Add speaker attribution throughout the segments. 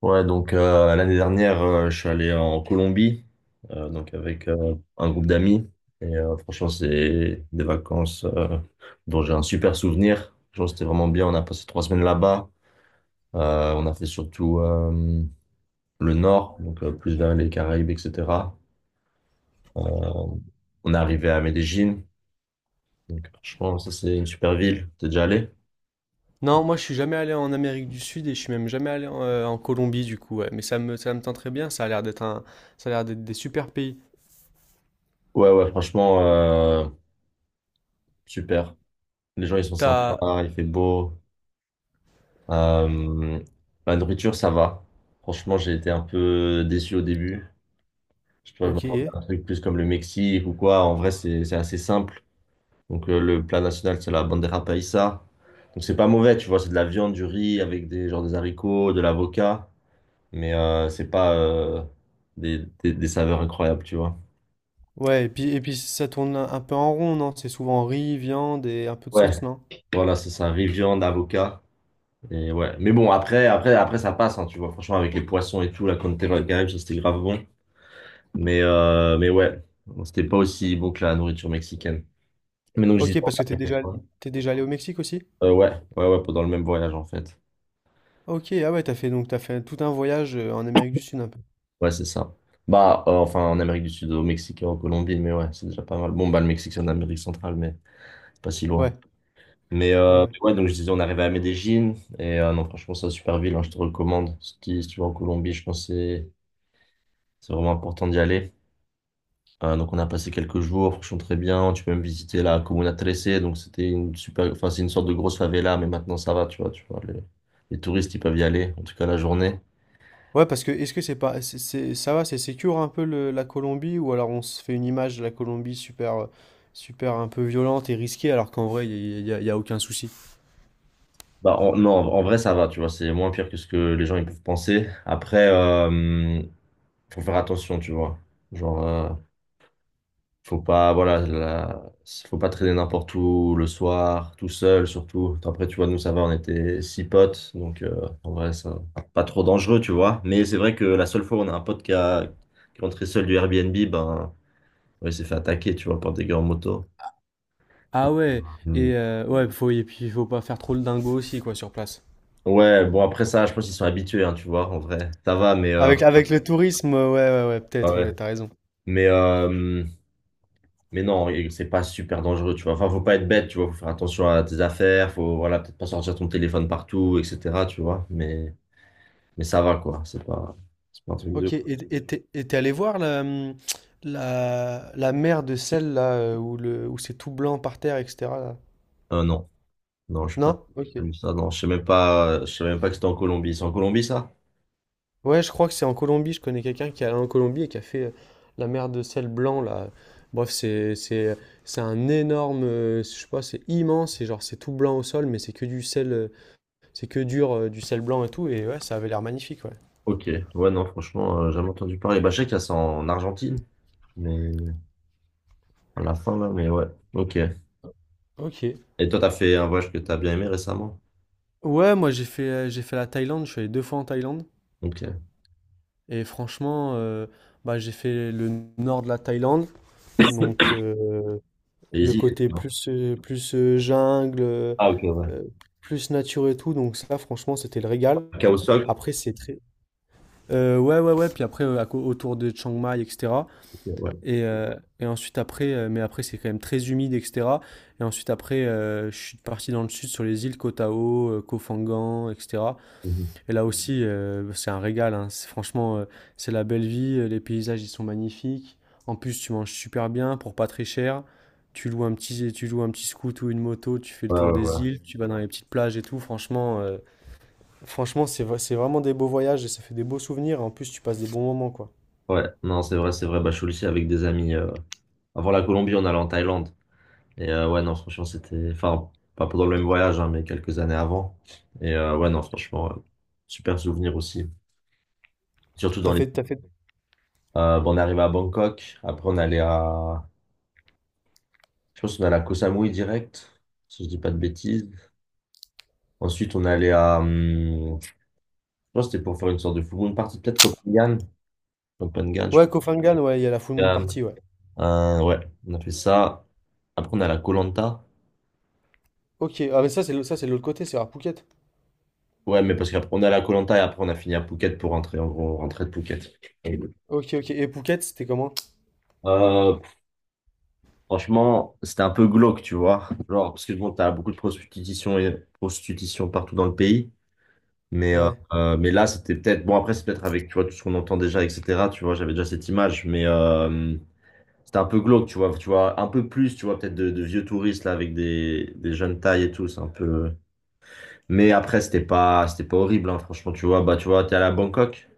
Speaker 1: Ouais, donc l'année dernière, je suis allé en Colombie, donc avec un groupe d'amis. Et franchement, c'est des vacances dont j'ai un super souvenir. Franchement, c'était vraiment bien. On a passé 3 semaines là-bas. On a fait surtout le nord, donc plus vers les Caraïbes, etc. Euh, on est arrivé à Medellín. Donc, franchement, ça, c'est une super ville. T'es déjà allé?
Speaker 2: Non, moi je suis jamais allé en Amérique du Sud et je suis même jamais allé en Colombie du coup. Ouais. Mais ça me tente très bien, ça a l'air d'être des super pays.
Speaker 1: Ouais, ouais, franchement, super. Les gens, ils sont
Speaker 2: T'as...
Speaker 1: sympas, il fait beau. Euh, la nourriture, ça va. Franchement, j'ai été un peu déçu au début. Je sais pas, je
Speaker 2: Ok.
Speaker 1: m'attendais à un truc plus comme le Mexique ou quoi. En vrai, c'est assez simple. Donc, le plat national, c'est la bandera paisa. Donc, c'est pas mauvais, tu vois. C'est de la viande, du riz avec des, genre, des haricots, de l'avocat. Mais c'est pas des, des saveurs incroyables, tu vois.
Speaker 2: Ouais, et puis ça tourne un peu en rond, non? C'est souvent riz, viande et un peu de
Speaker 1: Ouais,
Speaker 2: sauce, non?
Speaker 1: voilà, c'est ça. Riz, viande, avocat. Et ouais. Mais bon, après ça passe, hein, tu vois. Franchement, avec les poissons et tout, la Conterre, quand même, ça, c'était grave bon. Mais ouais, bon, c'était pas aussi bon que la nourriture mexicaine. Mais donc, je disais,
Speaker 2: Ok,
Speaker 1: on
Speaker 2: parce que
Speaker 1: a fait quoi.
Speaker 2: t'es déjà allé au Mexique aussi?
Speaker 1: Ouais, ouais, ouais, pendant le même voyage, en fait.
Speaker 2: Ok, ah ouais, t'as fait donc t'as fait tout un voyage en Amérique du Sud un peu.
Speaker 1: Ouais, c'est ça. Bah, enfin, en Amérique du Sud, au Mexique et en Colombie, mais ouais, c'est déjà pas mal. Bon, bah, le Mexique, c'est en Amérique centrale, mais c'est pas si loin.
Speaker 2: Ouais, ouais,
Speaker 1: Mais
Speaker 2: ouais.
Speaker 1: ouais, donc, je disais, on est arrivé à Medellín. Et non, franchement, c'est une super ville, hein, je te recommande. Si tu vas en Colombie, je pense que c'est vraiment important d'y aller. Donc on a passé quelques jours, franchement très bien. Tu peux même visiter la Comuna 13, donc c'était une super, enfin c'est une sorte de grosse favela, mais maintenant ça va, tu vois, les touristes ils peuvent y aller, en tout cas la journée.
Speaker 2: Ouais, parce que est-ce que c'est pas, c'est- ça va, c'est sécure un peu la Colombie, ou alors on se fait une image de la Colombie super, super un peu violente et risquée, alors qu'en vrai, il n'y a, y a- y a aucun souci.
Speaker 1: Bah non, en vrai ça va, tu vois, c'est moins pire que ce que les gens ils peuvent penser. Après, faut faire attention, tu vois. Genre, faut pas, voilà, faut pas traîner n'importe où le soir, tout seul surtout. Après, tu vois, nous, ça va, on était six potes, donc en vrai, c'est pas trop dangereux, tu vois. Mais c'est vrai que la seule fois où on a un pote qui est rentré seul du Airbnb, ben, ouais, il s'est fait attaquer, tu vois, par des gars en moto.
Speaker 2: Ah ouais,
Speaker 1: Mm.
Speaker 2: ouais, et puis il faut pas faire trop le dingo aussi, quoi, sur place.
Speaker 1: Ouais, bon, après ça, je pense qu'ils sont habitués, hein, tu vois, en vrai. Ça va, mais,
Speaker 2: Avec le tourisme, ouais, ouais, ouais,
Speaker 1: ah
Speaker 2: peut-être,
Speaker 1: ouais.
Speaker 2: ouais, t'as raison.
Speaker 1: Mais, mais non, et c'est pas super dangereux, tu vois. Enfin, faut pas être bête, tu vois. Faut faire attention à tes affaires. Faut, voilà, peut-être pas sortir ton téléphone partout, etc. Tu vois. Mais ça va, quoi. C'est pas un truc de.
Speaker 2: Ok, et t'es allé voir la, la mer de sel, là, où c'est tout blanc par terre, etc. Là?
Speaker 1: Non, non, je sais pas.
Speaker 2: Non?
Speaker 1: J'ai pas
Speaker 2: Ok.
Speaker 1: vu ça. Non, je sais même pas. Je sais même pas que c'était en Colombie. C'est en Colombie, ça?
Speaker 2: Ouais, je crois que c'est en Colombie. Je connais quelqu'un qui est allé en Colombie et qui a fait la mer de sel blanc là. Bref, c'est un énorme, je sais pas, c'est immense et genre c'est tout blanc au sol, mais c'est que du sel, c'est que dur du sel blanc et tout. Et ouais, ça avait l'air magnifique, ouais.
Speaker 1: Ok. Ouais, non, franchement, jamais entendu parler. Bah, je sais qu'il y a ça en Argentine, mais à la fin là. Mais ouais. Ok. Et
Speaker 2: Ok.
Speaker 1: toi, t'as fait un voyage que t'as bien aimé récemment?
Speaker 2: Ouais, moi j'ai fait la Thaïlande. Je suis allé deux fois en Thaïlande
Speaker 1: Ok.
Speaker 2: et franchement, bah j'ai fait le nord de la Thaïlande, donc le
Speaker 1: Les îles. Et tout,
Speaker 2: côté
Speaker 1: non?
Speaker 2: plus, plus jungle,
Speaker 1: Ah, ok, ouais.
Speaker 2: euh, plus nature et tout. Donc ça, franchement, c'était le régal.
Speaker 1: À Cahuac?
Speaker 2: Après, c'est très... ouais, ouais, ouais. Puis après, à autour de Chiang Mai, etc.
Speaker 1: Ok, ouais.
Speaker 2: Et, ensuite, après, c'est quand même très humide, etc. Et ensuite, après, je suis parti dans le sud sur les îles Koh Tao, Koh Phangan, etc.
Speaker 1: Mhm.
Speaker 2: Et là aussi, c'est un régal, hein. Franchement, c'est la belle vie. Euh, les paysages, ils sont magnifiques. En plus, tu manges super bien pour pas très cher. Tu loues un petit scoot ou une moto, tu fais le
Speaker 1: Ouais, ouais,
Speaker 2: tour
Speaker 1: ouais.
Speaker 2: des îles, tu vas dans les petites plages et tout. Franchement, c'est vraiment des beaux voyages et ça fait des beaux souvenirs. En plus, tu passes des bons moments, quoi.
Speaker 1: Ouais, non, c'est vrai, c'est vrai. Bah, je suis aussi avec des amis. Avant la Colombie, on allait en Thaïlande. Et ouais, non, franchement, c'était. Enfin, pas pendant le même voyage, hein, mais quelques années avant. Et ouais, non, franchement, super souvenir aussi. Surtout dans
Speaker 2: T'as
Speaker 1: les.
Speaker 2: fait, t'as fait.
Speaker 1: Bah, on est arrivé à Bangkok. Après, on allait à. Je pense qu'on allait à Koh Samui direct, si je dis pas de bêtises. Ensuite, on allait à. Je pense que c'était pour faire une sorte de full moon party. Peut-être Copenhague. Copenhague, je
Speaker 2: Ouais, Koh Phangan, ouais, il y a la Full Moon
Speaker 1: pense.
Speaker 2: Party, ouais.
Speaker 1: Ouais, on a fait ça. Après, on est à la Koh Lanta.
Speaker 2: Ok, ah mais ça c'est ça c'est de l'autre côté, c'est à Phuket.
Speaker 1: Ouais, mais parce qu'après on est à la Koh et après on a fini à Phuket pour rentrer. En gros, on rentrait de Phuket. Et,
Speaker 2: Ok, ok. Et Phuket, c'était comment?
Speaker 1: euh, franchement, c'était un peu glauque, tu vois. Genre, parce que bon, t'as beaucoup de prostitution et prostitution partout dans le pays. Mais, euh,
Speaker 2: Ouais.
Speaker 1: mais là, c'était peut-être. Bon, après, c'est peut-être avec, tu vois, tout ce qu'on entend déjà, etc. Tu vois, j'avais déjà cette image. Mais c'était un peu glauque, tu vois. Tu vois, un peu plus, tu vois, peut-être de vieux touristes là avec des jeunes tailles et tout. C'est un peu. Mais après, c'était pas horrible, hein, franchement, tu vois. Bah, tu vois, t'es allé à Bangkok.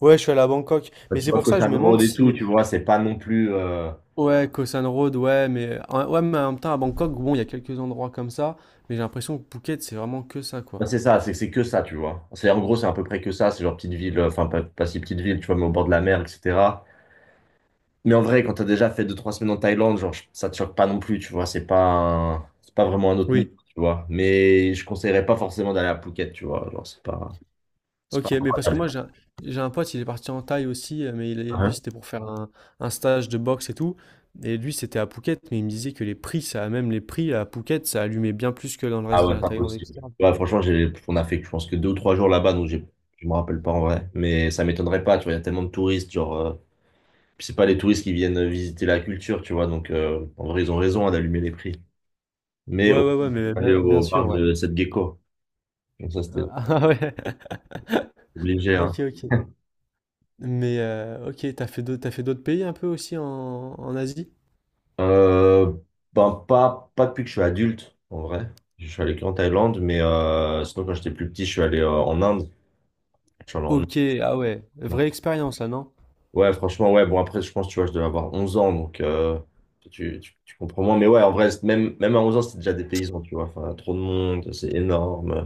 Speaker 2: Ouais, je suis allé à Bangkok.
Speaker 1: Enfin,
Speaker 2: Mais
Speaker 1: tu
Speaker 2: c'est
Speaker 1: vois,
Speaker 2: pour
Speaker 1: que
Speaker 2: ça que
Speaker 1: ça
Speaker 2: je me
Speaker 1: me
Speaker 2: demande
Speaker 1: rôde et tout,
Speaker 2: si
Speaker 1: tu vois, c'est pas non plus.
Speaker 2: ouais, Koh San Road, ouais, ouais, mais en même temps, à Bangkok, bon, il y a quelques endroits comme ça, mais j'ai l'impression que Phuket, c'est vraiment que ça,
Speaker 1: Bah,
Speaker 2: quoi.
Speaker 1: c'est ça, c'est que ça, tu vois. C'est en gros, c'est à peu près que ça, c'est genre petite ville, enfin pas si petite ville, tu vois, mais au bord de la mer, etc. Mais en vrai, quand t'as déjà fait deux trois semaines en Thaïlande, genre, ça te choque pas non plus, tu vois, c'est pas c'est pas vraiment un autre niveau,
Speaker 2: Oui.
Speaker 1: tu vois. Mais je conseillerais pas forcément d'aller à Phuket, tu vois, genre, c'est pas. C'est pas
Speaker 2: Ok, mais parce que
Speaker 1: incroyable.
Speaker 2: j'ai un pote, il est parti en Thaï aussi, mais lui,
Speaker 1: Hein?
Speaker 2: c'était pour faire un stage de boxe et tout, et lui, c'était à Phuket, mais il me disait que même les prix à Phuket, ça allumait bien plus que dans le reste
Speaker 1: Ah
Speaker 2: de
Speaker 1: ouais,
Speaker 2: la
Speaker 1: c'est
Speaker 2: Thaïlande,
Speaker 1: impossible.
Speaker 2: etc., quoi.
Speaker 1: Ouais, franchement, on a fait, je pense que deux ou trois jours là-bas, donc je me rappelle pas en vrai. Mais ça m'étonnerait pas, tu vois, il y a tellement de touristes, genre, puis c'est pas les touristes qui viennent visiter la culture, tu vois. Donc, en vrai, ils ont raison hein, d'allumer les prix. Mais au
Speaker 2: Ouais, ouais,
Speaker 1: moins,
Speaker 2: ouais,
Speaker 1: je suis
Speaker 2: mais
Speaker 1: allé
Speaker 2: bien
Speaker 1: au bar
Speaker 2: sûr, ouais.
Speaker 1: de cette gecko. Donc, ça, c'était
Speaker 2: Ah ouais.
Speaker 1: obligé, hein.
Speaker 2: Ok, ok. Mais ok, t'as fait d'autres pays un peu aussi en Asie?
Speaker 1: Euh, ben, pas depuis que je suis adulte, en vrai. Je suis allé qu'en Thaïlande, mais sinon, quand j'étais plus petit, je suis allé en Inde. Je suis allé en Inde.
Speaker 2: Ok, ah ouais, vraie expérience là, non?
Speaker 1: Ouais, franchement, ouais. Bon, après, je pense, tu vois, je devais avoir 11 ans, donc tu comprends moins. Mais ouais, en vrai, même à 11 ans, c'était déjà des paysans, tu vois. Enfin, trop de monde, c'est énorme.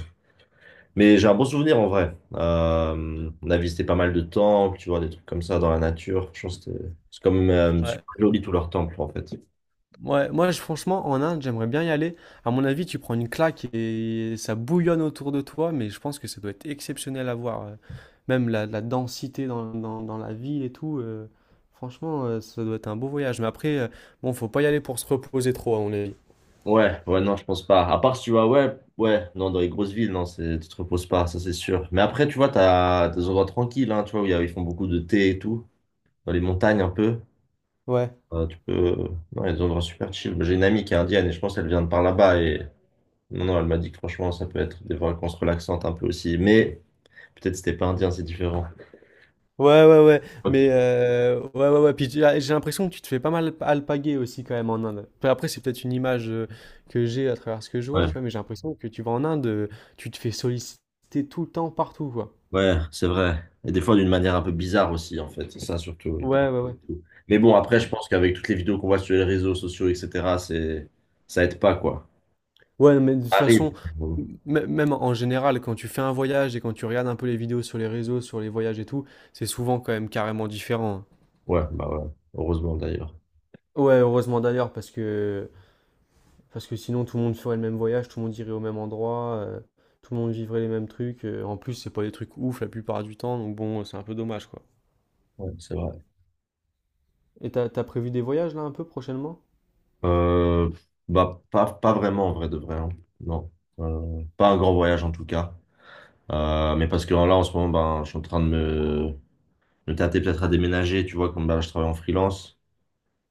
Speaker 1: Mais j'ai un bon souvenir en vrai. On a visité pas mal de temples, tu vois, des trucs comme ça dans la nature. Je pense que c'est comme
Speaker 2: Ouais.
Speaker 1: super joli tous leurs temples en fait.
Speaker 2: Ouais, moi je, franchement en Inde, j'aimerais bien y aller. À mon avis, tu prends une claque et ça bouillonne autour de toi, mais je pense que ça doit être exceptionnel à voir. Euh, même la densité dans la ville et tout. Euh, franchement, ça doit être un beau voyage. Mais après, bon, faut pas y aller pour se reposer trop, à mon avis.
Speaker 1: Ouais, ouais, non, je pense pas. À part si tu vois, ouais, ouais, non, dans les grosses villes, non, c'est, tu te reposes pas, ça c'est sûr. Mais après, tu vois, t'as des endroits tranquilles, hein, tu vois, où ils font beaucoup de thé et tout, dans les montagnes un peu.
Speaker 2: Ouais.
Speaker 1: Tu peux, non, il y a des endroits super chill. J'ai une amie qui est indienne et je pense qu'elle vient de par là-bas et non, non, elle m'a dit que franchement, ça peut être des vacances relaxantes un peu aussi. Mais peut-être c'était pas indien, c'est différent.
Speaker 2: Ouais, ouais, ouais,
Speaker 1: Ok,
Speaker 2: mais ouais, ouais, ouais, puis tu as j'ai l'impression que tu te fais pas mal alpaguer aussi quand même en Inde. Enfin, après, c'est peut-être une image, que j'ai à travers ce que je vois,
Speaker 1: ouais.
Speaker 2: tu vois? Mais j'ai l'impression que tu vas en Inde, tu te fais solliciter tout le temps, partout, quoi.
Speaker 1: Ouais, c'est vrai. Et des fois d'une manière un peu bizarre aussi, en fait. C'est ça surtout.
Speaker 2: Ouais, ouais, ouais.
Speaker 1: Mais bon, après, je pense qu'avec toutes les vidéos qu'on voit sur les réseaux sociaux, etc., c'est, ça aide pas, quoi.
Speaker 2: Ouais, non, mais de toute
Speaker 1: Ça
Speaker 2: façon,
Speaker 1: arrive.
Speaker 2: m même en général, quand tu fais un voyage et quand tu regardes un peu les vidéos sur les réseaux, sur les voyages et tout, c'est souvent quand même carrément différent, hein.
Speaker 1: Ouais, bah ouais. Heureusement d'ailleurs.
Speaker 2: Ouais, heureusement d'ailleurs parce que parce que sinon, tout le monde ferait le même voyage, tout le monde irait au même endroit, tout le monde vivrait les mêmes trucs. Euh, en plus, c'est pas des trucs ouf la plupart du temps, donc bon, c'est un peu dommage, quoi.
Speaker 1: Ouais, c'est vrai.
Speaker 2: Et t'as prévu des voyages là un peu prochainement?
Speaker 1: Euh, Bah, pas vraiment en vrai de vrai, hein. Non. Pas un grand voyage en tout cas. Mais parce que là, en ce moment, ben, je suis en train de me tâter peut-être à déménager. Tu vois, comme ben, je travaille en freelance.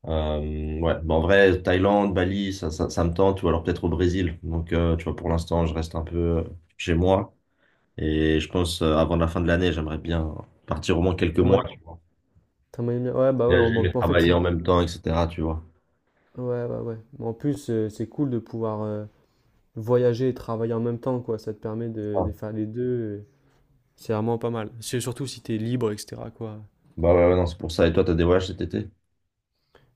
Speaker 1: Ouais, bah, en vrai, Thaïlande, Bali, ça me tente, ou alors peut-être au Brésil. Donc, tu vois, pour l'instant, je reste un peu chez moi. Et je pense, avant la fin de l'année, j'aimerais bien partir au moins quelques mois, tu
Speaker 2: Ouais.
Speaker 1: vois.
Speaker 2: Ouais, bah ouais,
Speaker 1: Voyager, mais
Speaker 2: en fait,
Speaker 1: travailler en
Speaker 2: si.
Speaker 1: même temps, etc., tu vois.
Speaker 2: Ouais, ouais, ouais. Mais en plus, c'est cool de pouvoir voyager et travailler en même temps, quoi. Ça te permet
Speaker 1: Ah.
Speaker 2: de faire les deux. Euh, c'est vraiment pas mal. C'est surtout si t'es libre, etc., quoi.
Speaker 1: Bah ouais, ouais, non, c'est pour ça. Et toi, t'as des voyages cet été?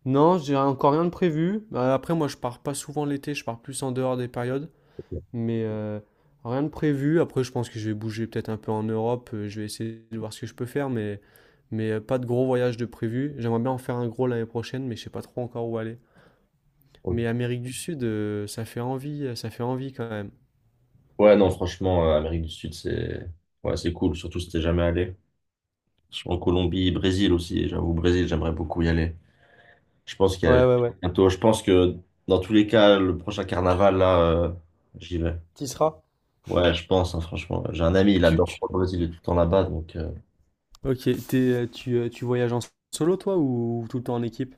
Speaker 2: Non, j'ai encore rien de prévu. Après, moi, je pars pas souvent l'été, je pars plus en dehors des périodes.
Speaker 1: Ok.
Speaker 2: Mais rien de prévu. Après, je pense que je vais bouger peut-être un peu en Europe. Euh, je vais essayer de voir ce que je peux faire, mais pas de gros voyage de prévu. J'aimerais bien en faire un gros l'année prochaine, mais je sais pas trop encore où aller.
Speaker 1: Ok.
Speaker 2: Mais Amérique du Sud, ça fait envie quand même.
Speaker 1: Ouais, non, franchement, Amérique du Sud, c'est ouais, c'est cool, surtout si t'es jamais allé. Je suis en Colombie, Brésil aussi, et j'avoue, Brésil, j'aimerais beaucoup y aller. Je pense qu'il y a
Speaker 2: Ouais, ouais, ouais.
Speaker 1: bientôt. Je pense que dans tous les cas, le prochain carnaval, là, j'y vais.
Speaker 2: T'y seras?
Speaker 1: Ouais, je pense, hein, franchement. J'ai un ami, il
Speaker 2: Tu,
Speaker 1: adore
Speaker 2: tu...
Speaker 1: trop le Brésil, il est tout le temps là-bas. Donc,
Speaker 2: Ok, t'es, tu voyages en solo toi ou tout le temps en équipe?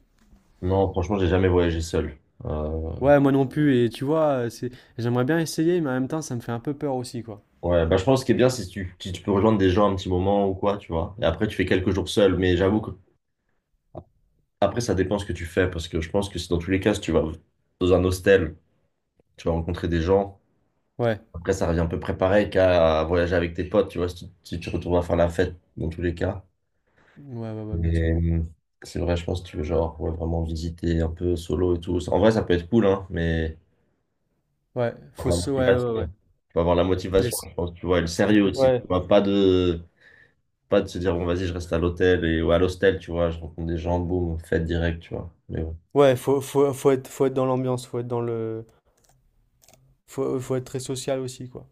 Speaker 1: non, franchement, j'ai jamais voyagé seul. Euh,
Speaker 2: Ouais, moi non plus. Et tu vois, j'aimerais bien essayer, mais en même temps, ça me fait un peu peur aussi, quoi.
Speaker 1: ouais, bah, je pense que ce qui est bien, c'est si tu peux rejoindre des gens un petit moment ou quoi, tu vois. Et après, tu fais quelques jours seul. Mais j'avoue que après, ça dépend ce que tu fais. Parce que je pense que si dans tous les cas, si tu vas dans un hostel, tu vas rencontrer des gens.
Speaker 2: Ouais.
Speaker 1: Après, ça revient un peu préparé qu'à voyager avec tes potes, tu vois, si tu retournes à faire la fête, dans tous les cas.
Speaker 2: Ouais, ouais, ouais, bien sûr.
Speaker 1: Et c'est vrai, je pense que tu veux genre ouais, vraiment visiter un peu solo et tout. En vrai, ça peut être cool, hein, mais
Speaker 2: Ouais,
Speaker 1: faut avoir la
Speaker 2: ouais, ouais,
Speaker 1: motivation.
Speaker 2: ouais.
Speaker 1: Faut avoir la
Speaker 2: Mais
Speaker 1: motivation, je pense, tu vois, et le
Speaker 2: c'est-
Speaker 1: sérieux aussi. Tu
Speaker 2: ouais.
Speaker 1: vois, pas de se dire bon vas-y, je reste à l'hôtel et ou à l'hostel, tu vois, je rencontre des gens, boum, fête direct, tu vois. Mais
Speaker 2: Ouais, faut être dans l'ambiance, faut être dans le, faut être très social aussi, quoi.